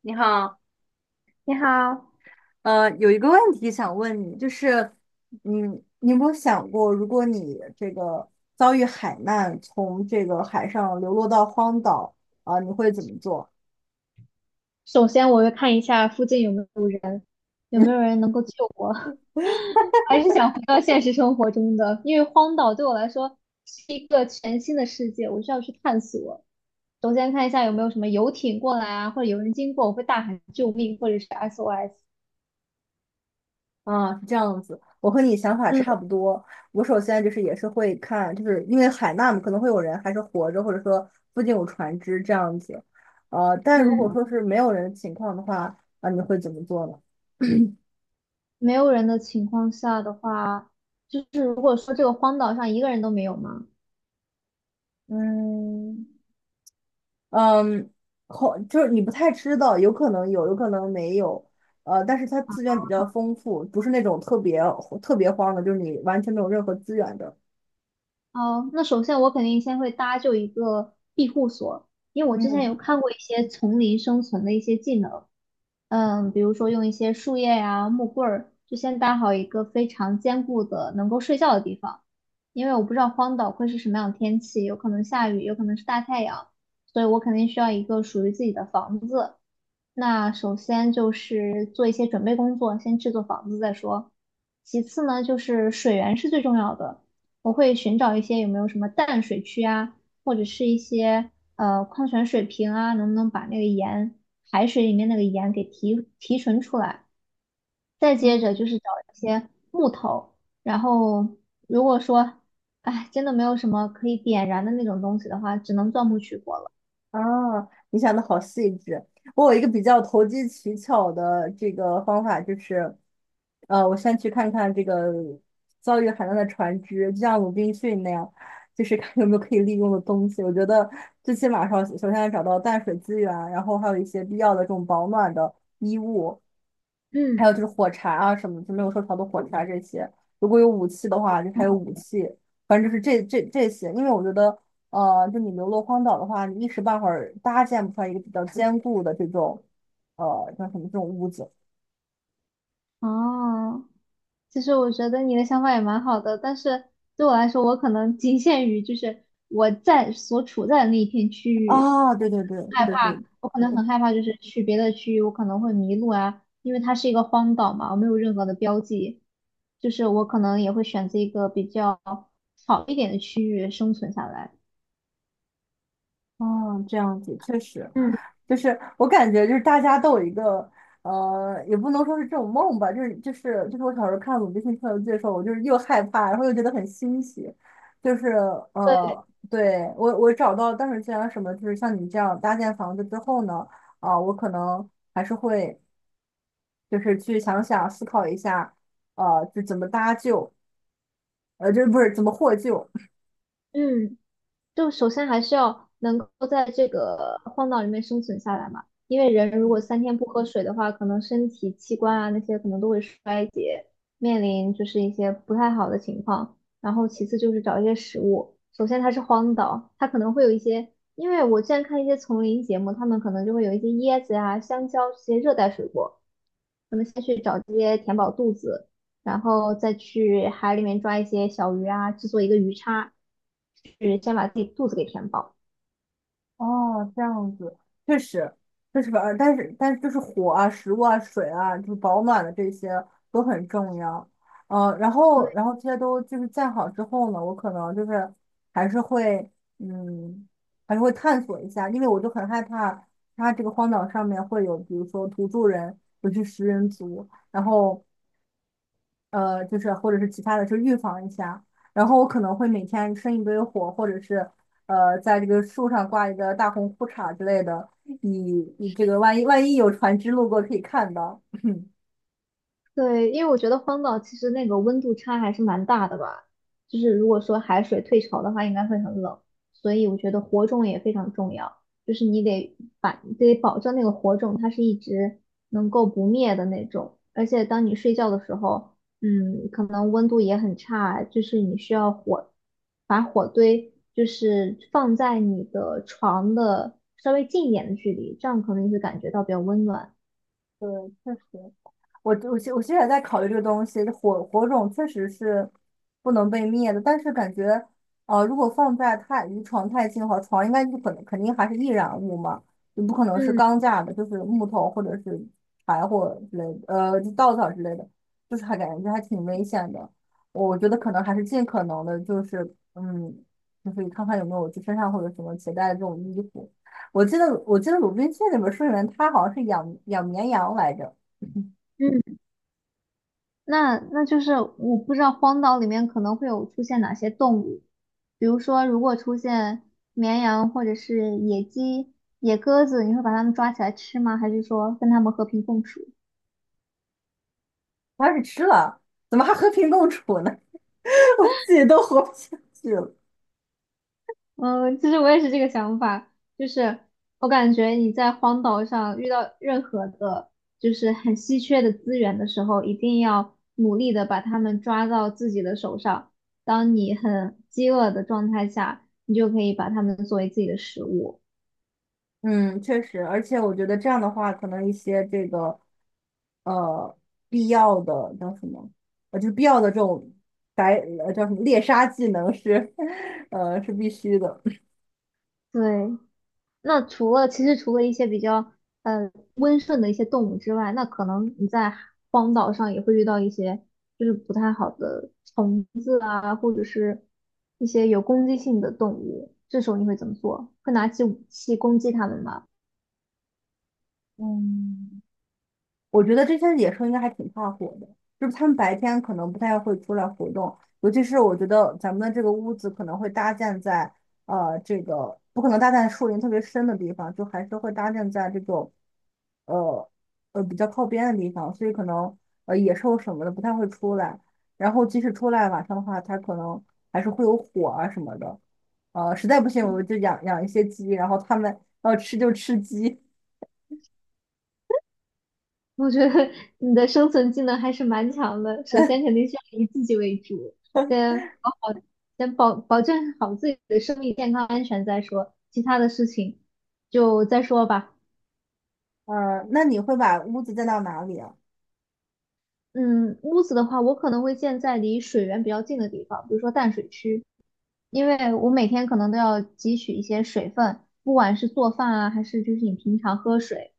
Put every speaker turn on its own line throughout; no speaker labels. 你好，
你好，
有一个问题想问你，就是，你有没有想过，如果你这个遭遇海难，从这个海上流落到荒岛，啊、你会怎么做？
首先，我要看一下附近有没有人，有没
嗯
有人能够救我。还是想回到现实生活中的，因为荒岛对我来说是一个全新的世界，我需要去探索。首先看一下有没有什么游艇过来啊，或者有人经过，我会大喊救命或者是 SOS。
啊，是这样子，我和你想法差
嗯
不多。我首先就是也是会看，就是因为海难嘛，可能会有人还是活着，或者说附近有船只这样子。但如果
嗯
说是没有人的情况的话，啊，你会怎么做呢？
没有人的情况下的话，就是如果说这个荒岛上一个人都没有吗？
嗯。嗯。好，就是你不太知道，有可能有，有可能没有，但是它资源比较丰富，不是那种特别荒的，就是你完全没有任何资源的。
哦，那首先我肯定先会搭就一个庇护所，因为我之前有
嗯。
看过一些丛林生存的一些技能，嗯，比如说用一些树叶呀、木棍儿，就先搭好一个非常坚固的能够睡觉的地方，因为我不知道荒岛会是什么样的天气，有可能下雨，有可能是大太阳，所以我肯定需要一个属于自己的房子，那首先就是做一些准备工作，先制作房子再说。其次呢，就是水源是最重要的，我会寻找一些有没有什么淡水区啊，或者是一些矿泉水瓶啊，能不能把那个盐，海水里面那个盐给提纯出来。再接着
嗯。
就是找一些木头，然后如果说，哎，真的没有什么可以点燃的那种东西的话，只能钻木取火了。
啊，你想的好细致。我有一个比较投机取巧的这个方法，就是，我先去看看这个遭遇海难的船只，就像鲁滨逊那样，就是看有没有可以利用的东西。我觉得最起码上，首先要找到淡水资源，然后还有一些必要的这种保暖的衣物，还
嗯，
有就是火柴啊什么，就没有受潮的火柴这些。如果有武器的话，就还
嗯，
有武器。反正就是这些，因为我觉得就你流落荒岛的话，你一时半会儿搭建不出来一个比较坚固的这种，呃，叫什么这种屋子
哦。其实我觉得你的想法也蛮好的，但是对我来说，我可能仅限于就是我在所处在的那一片区域，
啊？对对对。
害
是
怕，
是。
我可能很害怕，就是去别的区域，我可能会迷路啊，因为它是一个荒岛嘛，我没有任何的标记，就是我可能也会选择一个比较好一点的区域生存下来。
啊，这样子确实，
嗯
就是我感觉就是大家都有一个，也不能说是这种梦吧，就是我小时候看《鲁滨逊漂流记》的时候，我就是又害怕，然后又觉得很欣喜，就是
对，
对我找到当时既然什么，就是像你这样搭建房子之后呢。啊，我可能还是会就是去想想思考一下，呃，就怎么搭救，呃，这不是怎么获救。
嗯，就首先还是要能够在这个荒岛里面生存下来嘛，因为人如果
嗯。
三天不喝水的话，可能身体器官啊那些可能都会衰竭，面临就是一些不太好的情况。然后其次就是找一些食物，首先它是荒岛，它可能会有一些，因为我之前看一些丛林节目，他们可能就会有一些椰子啊、香蕉这些热带水果，可能先去找这些填饱肚子。然后再去海里面抓一些小鱼啊，制作一个鱼叉，是先把自己肚子给填饱。
哦，这样子，确实，确实，但是就是火啊、食物啊、水啊，就是保暖的这些都很重要。呃，然后这些都就是建好之后呢，我可能就是还是会，嗯，还是会探索一下，因为我就很害怕它这个荒岛上面会有，比如说土著人，尤其食人族，然后。就是或者是其他的，就预防一下。然后我可能会每天生一堆火，或者是在这个树上挂一个大红裤衩之类的，以这个万一有船只路过可以看到。
对，因为我觉得荒岛其实那个温度差还是蛮大的吧，就是如果说海水退潮的话，应该会很冷，所以我觉得火种也非常重要，就是你得把得保证那个火种它是一直能够不灭的那种，而且当你睡觉的时候，嗯，可能温度也很差，就是你需要火把火堆就是放在你的床的稍微近一点的距离，这样可能你会感觉到比较温暖。
对，确实。我现在在考虑这个东西，火种确实是不能被灭的，但是感觉，如果放在太离床太近的话，床应该就可能肯定还是易燃物嘛，就不可能是
嗯
钢架的，就是木头或者是柴火之类的，就稻草之类的，就是还感觉还挺危险的。我觉得可能还是尽可能的，就是嗯，就是看看有没有就身上或者什么携带的这种衣服。我记得《鲁滨逊》里面说里面他好像是养绵羊来着。
嗯。那就是我不知道荒岛里面可能会有出现哪些动物，比如说如果出现绵羊或者是野鸡、野鸽子，你会把它们抓起来吃吗？还是说跟它们和平共处？
我要是吃了，怎么还和平共处呢？我自己都活不下去了。
嗯，其实我也是这个想法，就是我感觉你在荒岛上遇到任何的，就是很稀缺的资源的时候，一定要努力的把它们抓到自己的手上。当你很饥饿的状态下，你就可以把它们作为自己的食物。
嗯，确实，而且我觉得这样的话，可能一些这个呃必要的叫什么，就是必要的这种白叫什么猎杀技能是 是必须的。
对，那除了其实除了一些比较呃温顺的一些动物之外，那可能你在荒岛上也会遇到一些就是不太好的虫子啊，或者是一些有攻击性的动物，这时候你会怎么做？会拿起武器攻击它们吗？
嗯。我觉得这些野兽应该还挺怕火的，就是它们白天可能不太会出来活动，尤其是我觉得咱们的这个屋子可能会搭建在这个不可能搭建在树林特别深的地方，就还是会搭建在这种呃比较靠边的地方，所以可能野兽什么的不太会出来，然后即使出来晚上的话，它可能还是会有火啊什么的，实在不 行我
嗯
们就养一些鸡，然后它们要吃就吃鸡，
我觉得你的生存技能还是蛮强的。首先肯定是要以自己为主，先保好，先保证好自己的生命健康安全再说，其他的事情就再说吧。
那你会把屋子建到哪里啊？
嗯，屋子的话，我可能会建在离水源比较近的地方，比如说淡水区，因为我每天可能都要汲取一些水分，不管是做饭啊，还是就是你平常喝水，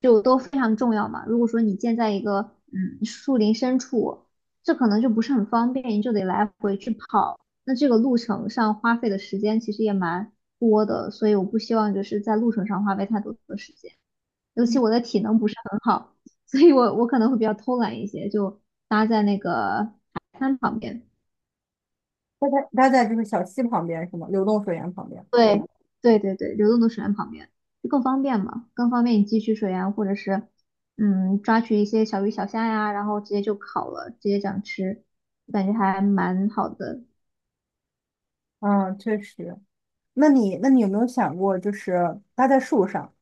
就都非常重要嘛。如果说你建在一个嗯树林深处，这可能就不是很方便，你就得来回去跑，那这个路程上花费的时间其实也蛮多的，所以我不希望就是在路程上花费太多的时间。尤其我的体能不是很好，所以我可能会比较偷懒一些，就搭在那个海滩旁边。
它在就是小溪旁边是吗？流动水源旁边。
对，对对对，流动的水源旁边就更方便嘛，更方便你汲取水源，或者是嗯抓取一些小鱼小虾呀，然后直接就烤了，直接这样吃，感觉还蛮好的。
嗯，确实。那你有没有想过，就是搭在树上？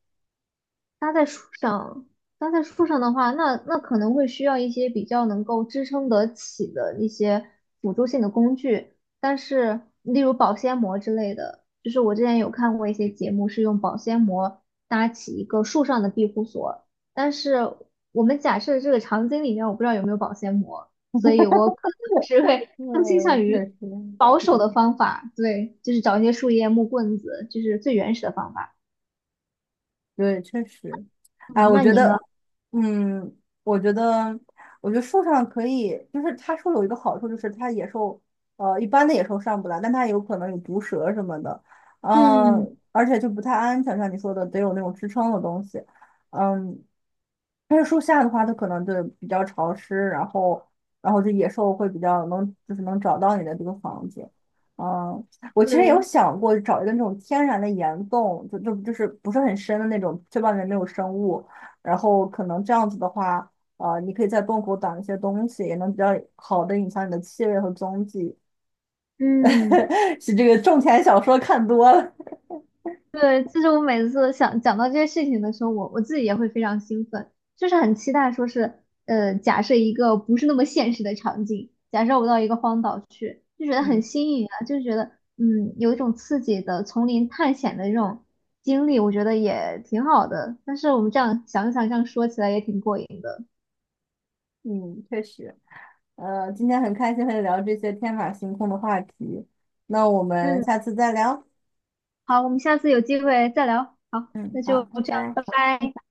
搭在树上，搭在树上的话，那可能会需要一些比较能够支撑得起的一些辅助性的工具，但是例如保鲜膜之类的，就是我之前有看过一些节目是用保鲜膜搭起一个树上的庇护所，但是我们假设这个场景里面我不知道有没有保鲜膜，所以我可能是会更倾向
嗯，
于
确实。
保守的方法，对，就是找一些树叶、木棍子，就是最原始的方法。
对，确实，哎，
嗯，
我
那
觉
你呢？
得，嗯，我觉得，我觉得树上可以，就是它树有一个好处，就是它野兽，一般的野兽上不来，但它有可能有毒蛇什么的，
嗯
嗯，而且就不太安全，像你说的，得有那种支撑的东西，嗯，但是树下的话，它可能就比较潮湿，然后，然后这野兽会比较能，就是能找到你的这个房子，嗯，我其实有
对，
想过找一个那种天然的岩洞，就是不是很深的那种，确外面没有生物。然后可能这样子的话，你可以在洞口挡一些东西，也能比较好的隐藏你的气味和踪迹。
嗯，
是这个种田小说看多了，
对，其实我每次想讲到这些事情的时候，我自己也会非常兴奋，就是很期待，说是，假设一个不是那么现实的场景，假设我到一个荒岛去，就觉 得很
嗯。
新颖啊，就觉得，嗯，有一种刺激的丛林探险的这种经历，我觉得也挺好的。但是我们这样想一想，这样说起来也挺过瘾的。
嗯，确实，今天很开心和你聊这些天马行空的话题，那我
嗯，
们下次再聊。
好，我们下次有机会再聊。好，
嗯，
那
好，
就
拜
这样，拜
拜。
拜。